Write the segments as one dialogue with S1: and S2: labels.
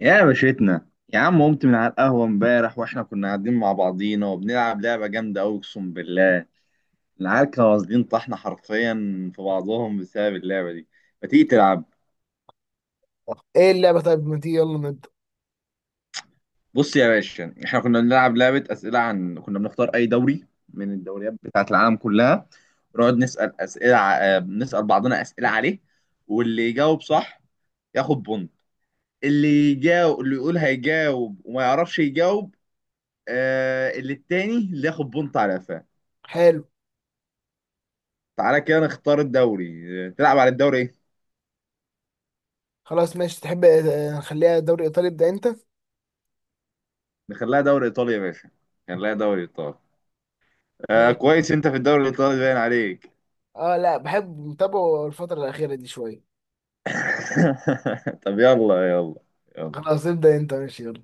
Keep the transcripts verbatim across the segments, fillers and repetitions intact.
S1: يا باشتنا، يا عم قمت من على القهوة امبارح واحنا كنا قاعدين مع بعضينا وبنلعب لعبة جامدة أوي أقسم بالله. العيال كانوا واصلين طحنا حرفيا في بعضهم بسبب اللعبة دي. ما تيجي تلعب؟
S2: ايه اللعبة؟ طيب ما تيجي، يلا نبدأ.
S1: بص يا باشا، احنا كنا بنلعب لعبة أسئلة عن كنا بنختار أي دوري من الدوريات بتاعة العالم كلها، ونقعد نسأل أسئلة ع- آه، نسأل بعضنا أسئلة عليه. واللي يجاوب صح ياخد بونت. اللي يجاوب اللي يقول هيجاوب وما يعرفش يجاوب، آه اللي التاني اللي ياخد بونت على قفاه.
S2: حلو.
S1: تعالى كده نختار الدوري. آه، تلعب على الدوري ايه؟
S2: خلاص ماشي، تحب آه، نخليها دوري ايطالي. ابدأ انت.
S1: نخليها دوري ايطالي يا باشا، نخليها دوري ايطالي. آه
S2: ماشي.
S1: كويس، انت في الدوري الايطالي باين عليك.
S2: اه لا، بحب متابعه الفترة الأخيرة دي شوية.
S1: طب يلا يلا. يلا.
S2: خلاص ابدأ انت، ماشي يلا.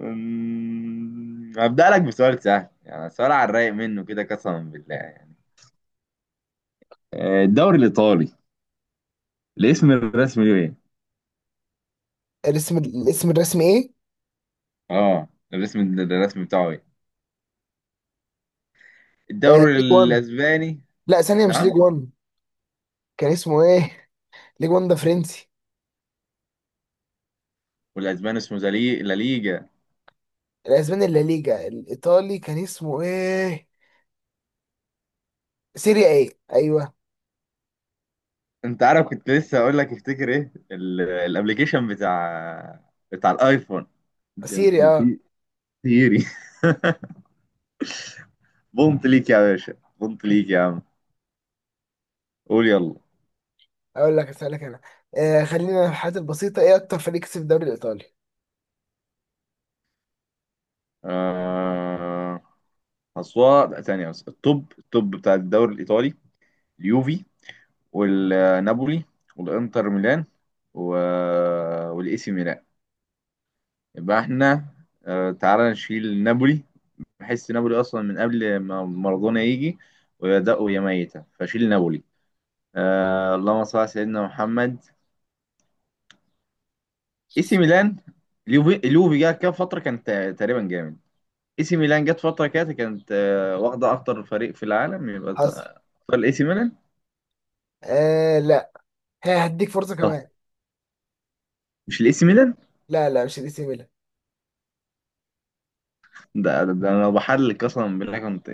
S1: أمم، هبدأ لك بسؤال سهل، يعني سؤال على الرايق منه كده قسما بالله يعني. آه، الدوري الايطالي، الاسم الرسمي له ايه؟
S2: الاسم الاسم الرسمي ايه؟
S1: اه، الاسم الرسمي بتاعه ايه؟
S2: آه
S1: الدوري
S2: ليج واحد.
S1: الاسباني.
S2: لا ثانية، مش ليج
S1: نعم.
S2: واحد. كان اسمه ايه؟ ليج واحد ده فرنسي.
S1: والاسباني اسمه زلي... لا ليجا.
S2: الاسباني لا ليجا. الايطالي كان اسمه ايه؟ سيريا ايه؟ ايوه.
S1: انت عارف كنت لسه اقول لك افتكر ايه ال- الابليكيشن بتاع بتاع الايفون. كان
S2: سيريا،
S1: اسمه
S2: اه.
S1: سي، سيري. بونت ليك يا باشا، بونت ليك يا عم. قول يلا.
S2: اقول لك، اسألك انا. آه خلينا في الحاجات البسيطة. ايه اكتر فريق كسب الدوري الايطالي؟
S1: آه... أصوات. لا، ثانية بس. التوب التوب بتاع الدوري الإيطالي: اليوفي، والنابولي، والإنتر ميلان، و... والإي سي ميلان. يبقى احنا آه... تعالى نشيل نابولي. بحس نابولي أصلا من قبل ما مارادونا يجي ويبدأوا، يا ميتة فشيل نابولي. آه، اللهم صل على سيدنا محمد. اي سي ميلان، اليوفي اليوفي جه كام فتره كانت تقريبا جامد، اي سي ميلان جت فتره كده كانت آه واخده اكتر فريق في العالم، يبقى
S2: حصل.
S1: تختار الاي سي ميلان.
S2: آه لا. ها هديك فرصة
S1: طب
S2: كمان.
S1: مش الاي سي ميلان.
S2: لا لا، مش الاي سي ميلان.
S1: ده, ده, ده انا لو بحلل قسما بالله كنت،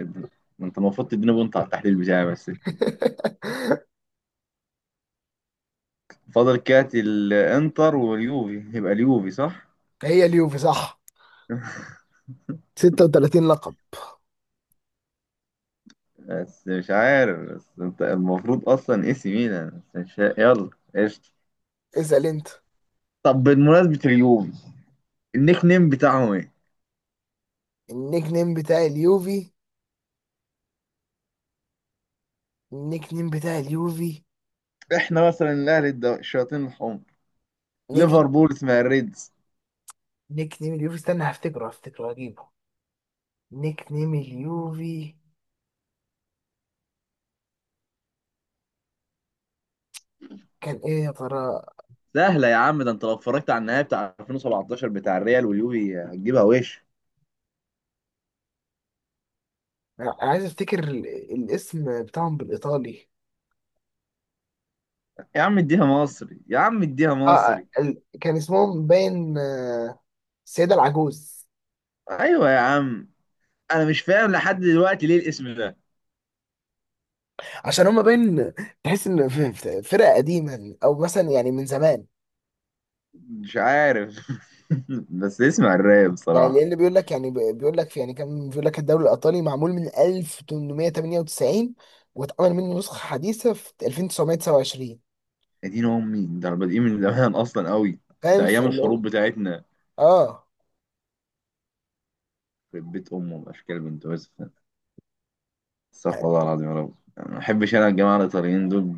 S1: ما انت المفروض تديني بونت على التحليل بتاعي بس. فاضل كات الانتر واليوفي، يبقى اليوفي صح.
S2: هي اليوفي صح. ستة وثلاثين لقب.
S1: بس مش عارف، بس انت المفروض اصلا اي سي ميلان بس مش، يلا قشطة.
S2: اسأل انت.
S1: طب بمناسبة اليوفي، النيك نيم بتاعهم ايه؟
S2: النيك نيم بتاع اليوفي. النيك نيم بتاع اليوفي
S1: احنا مثلا الاهلي الد- الشياطين الحمر،
S2: نيك
S1: ليفربول اسمها الريدز.
S2: نيك نيم اليوفي، استنى هفتكره هفتكره هجيبه. نيك نيم اليوفي، كان ايه يا ترى؟
S1: سهله يا عم، ده انت لو اتفرجت على النهائي بتاع ألفين وسبعتاشر بتاع الريال واليوفي هتجيبها وش.
S2: أنا عايز افتكر ال- الاسم بتاعهم بالايطالي.
S1: يا عم اديها مصري، يا عم اديها
S2: اه
S1: مصري.
S2: ال... كان اسمهم باين، آه، السيدة العجوز.
S1: ايوه يا عم، انا مش فاهم لحد دلوقتي ليه الاسم ده.
S2: عشان هما باين. تحس ان في- في- فرقة قديمة او مثلا يعني من زمان.
S1: مش عارف. بس اسمع الراب
S2: يعني
S1: بصراحه.
S2: لان بيقول لك، يعني بيقول لك، يعني كان بيقول لك الدوري الايطالي معمول من ألف تمنمية تمانية وتسعين، واتعمل منه نسخه حديثه في ألف تسعمية تسعة وعشرين.
S1: يا دين امي، ده احنا بادئين من زمان اصلا قوي.
S2: فاهم
S1: ده
S2: في
S1: ايام
S2: اللي هو.
S1: الحروب بتاعتنا.
S2: اه.
S1: في بيت امه اشكال بنت يوسف. استغفر الله العظيم يا رب، أنا ما بحبش انا الجماعه الايطاليين دول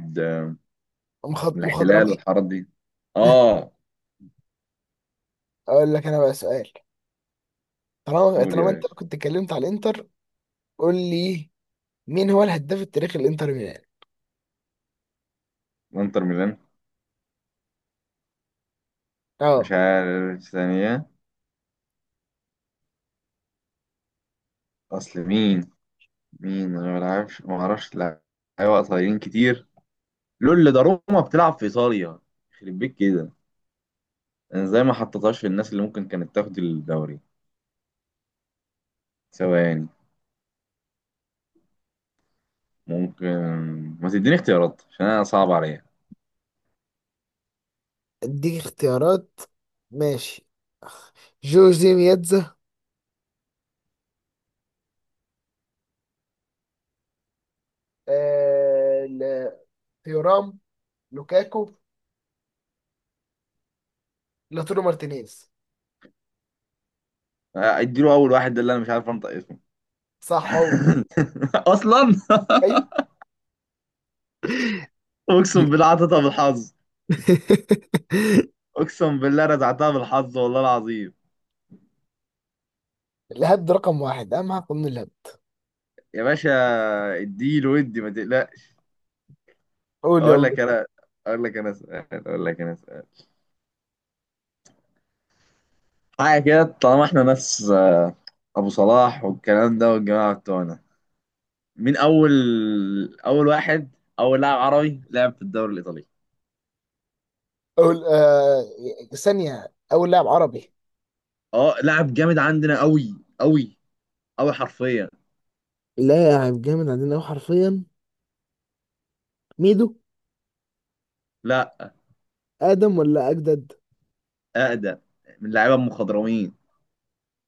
S2: مخ-
S1: من الاحتلال
S2: مخضرميه.
S1: والحارات دي. اه.
S2: اقول لك انا بقى سؤال، طالما
S1: قول يا
S2: طالما انت
S1: باشا.
S2: كنت اتكلمت على الانتر. قول لي، مين هو الهداف التاريخي للانتر ميلان؟
S1: انتر ميلان.
S2: اه،
S1: مش عارف ثانية. اصل مين، مين، انا ما بلعبش ما اعرفش لا. ايوه قصيرين كتير. لول ده روما بتلعب في ايطاليا. يخرب بيك كده، انا ازاي ما حطيتهاش في الناس اللي ممكن كانت تاخد الدوري؟ ثواني، ممكن. ما تديني اختيارات عشان انا صعب عليا.
S2: اديك اختيارات. ماشي. جوزي مياتزا، آه... ل- تيورام، لوكاكو، لاتورو مارتينيز.
S1: آه، اديله اول واحد ده اللي انا مش عارف انطق اسمه.
S2: صح هو.
S1: اصلا
S2: أيوه.
S1: اقسم بالله عطيتها بالحظ، اقسم بالله رزعتها بالحظ والله العظيم.
S2: الهبد ده رقم واحد، اهم حاجه قانون الهبد.
S1: يا باشا اديله، ودي ما تقلقش.
S2: قول
S1: اقول
S2: يلا.
S1: لك انا. اقول لك انا سؤال اقول لك انا سؤال حاجه كده، طالما احنا ناس ابو صلاح والكلام ده والجماعه بتوعنا. مين اول اول واحد اول لاعب عربي لعب في الدوري الايطالي.
S2: قول آه ثانيه. اول لاعب عربي،
S1: اه لاعب جامد عندنا قوي، قوي قوي حرفيا.
S2: لاعب جامد عندنا أوي حرفيا. ميدو؟
S1: لا،
S2: ادم ولا اجدد؟
S1: اقدم، من لعيبه المخضرمين.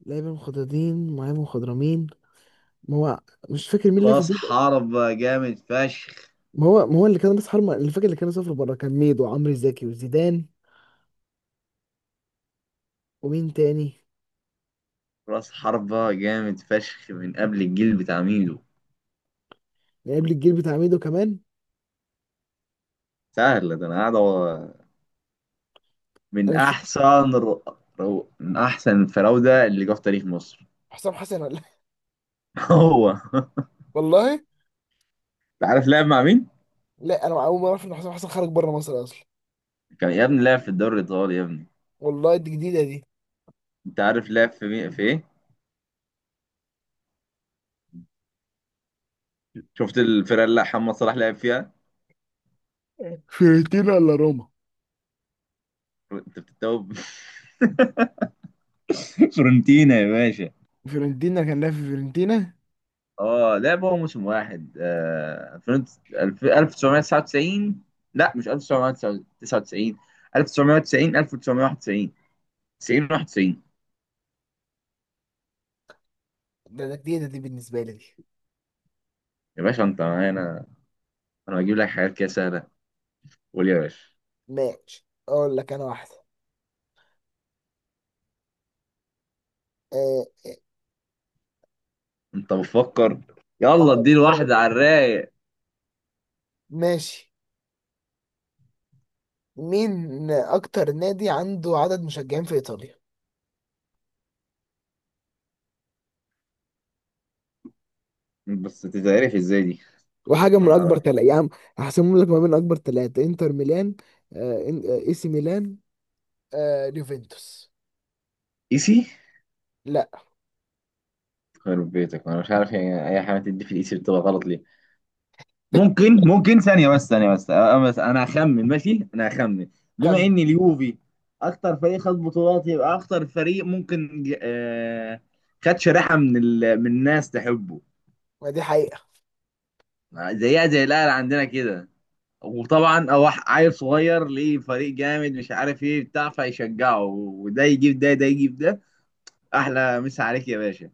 S2: لاعب مخضرمين، معايا مخضرمين. ما هو مش فاكر مين اللي في
S1: راس
S2: الدوري.
S1: حربة جامد فشخ
S2: ما هو ما هو اللي كان راس حربة، اللي فاكر اللي كان سافر بره، كان ميدو وعمرو زكي وزيدان. ومين تاني؟
S1: راس حربة جامد فشخ من قبل الجيل بتاع ميدو.
S2: لعيب الجيل بتاع ميدو كمان.
S1: سهل ده، انا قاعد. من
S2: انا مش فاكر.
S1: احسن رو... رو... من احسن الفراوده اللي جه في تاريخ مصر.
S2: حسام حسن ولا؟
S1: هو.
S2: والله.
S1: انت عارف لعب مع مين؟
S2: لا، انا اول مره اعرف ان حسام حسن خرج بره مصر اصلا.
S1: كان يا ابني لعب في الدوري الايطالي يا ابني.
S2: والله دي جديده دي.
S1: انت عارف لعب في مين في ايه؟ شفت الفرقه اللي محمد صلاح لعب فيها؟
S2: فيرتين ولا روما؟
S1: انت بتتوب. فورنتينا يا باشا.
S2: فيورنتينا، كان لاعب في فيورنتينا.
S1: اه لعب هو موسم واحد آه... فرنت... الف- ألف وتسعمية تسعة وتسعين. لا مش ألف وتسعمية تسعة وتسعين، تسعتاشر وتسعين، ألف وتسعمية واحد وتسعين، تسعين، واحد وتسعين.
S2: ده ده جديدة دي بالنسبة لي دي.
S1: يا باشا انت معانا؟ انا بجيب لك حاجات كده سهله. قول يا باشا.
S2: ماشي أقول لك أنا واحدة. آه
S1: انت بتفكر،
S2: آه
S1: يلا اديله
S2: آه،
S1: واحدة على الرايق.
S2: ماشي. مين أكتر نادي عنده عدد مشجعين في إيطاليا؟
S1: بس تتعرف ازاي دي؟
S2: وحاجة
S1: ما
S2: من أكبر
S1: اعرف.
S2: تلاتة يا عم. هحسمهم لك ما بين أكبر تلاتة، إنتر ميلان، آه، إن- آه، إي سي ميلان، آه اليوفنتوس.
S1: ايسي.
S2: لا.
S1: خرب بيتك، انا مش عارف يعني اي حاجة تدي في الايسي بتبقى غلط ليه؟ ممكن، ممكن ثانية بس ثانية بس أه، بس انا هخمن، ماشي انا هخمن. بما
S2: كمل.
S1: ان اليوفي اكتر فريق خد بطولات، يبقى اكتر فريق ممكن ج- آه، خد شريحة من ال... من الناس تحبه.
S2: ما دي حقيقة.
S1: زيها زي الاهلي عندنا كده. وطبعا أوح عيل صغير ليه فريق جامد مش عارف ايه بتاع فيشجعه، وده يجيب ده، ده يجيب ده. احلى مسا عليك يا باشا.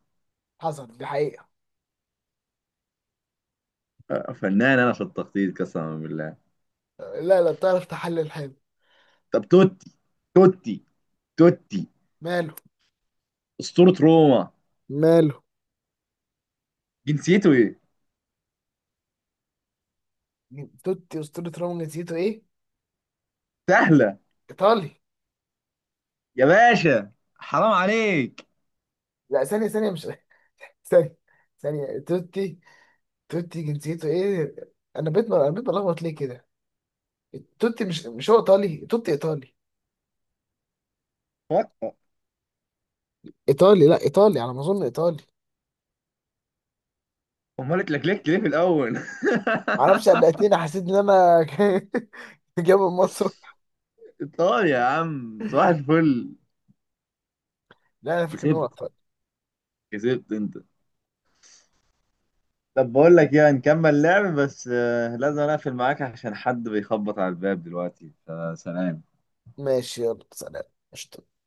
S2: حصل، دي حقيقة.
S1: آه، فنان انا في التخطيط قسما بالله.
S2: آه، لا لا، بتعرف تحلل حلو.
S1: طب توتي، توتي، توتي
S2: ماله؟
S1: اسطورة روما
S2: ماله؟
S1: جنسيته ايه؟
S2: توتي أسطورة روما، جنسيته إيه؟
S1: سهلة.
S2: إيطالي.
S1: يا باشا حرام عليك.
S2: لا ثانية ثانية، مش، ثانية. ثانية توتي. توتي جنسيته ايه؟ انا بيت انا بيت بلخبط ليه كده. توتي مش مش هو ايطالي. توتي ايطالي.
S1: فك-
S2: ايطالي. لا، ايطالي على ما اظن، ايطالي.
S1: امال اتلكلكت ليه في الاول؟
S2: معرفش، قلقتني، حسيت ان انا جاي من مصر.
S1: ايطاليا يا عم صباح الفل.
S2: لا انا فاكر ان هو
S1: كسبت.
S2: ايطالي.
S1: كسبت انت. طب بقول لك ايه، هنكمل لعب بس آه، لازم اقفل معاك عشان حد بيخبط على الباب دلوقتي، فسلام.
S2: ماشي يلا سلام. قشطة.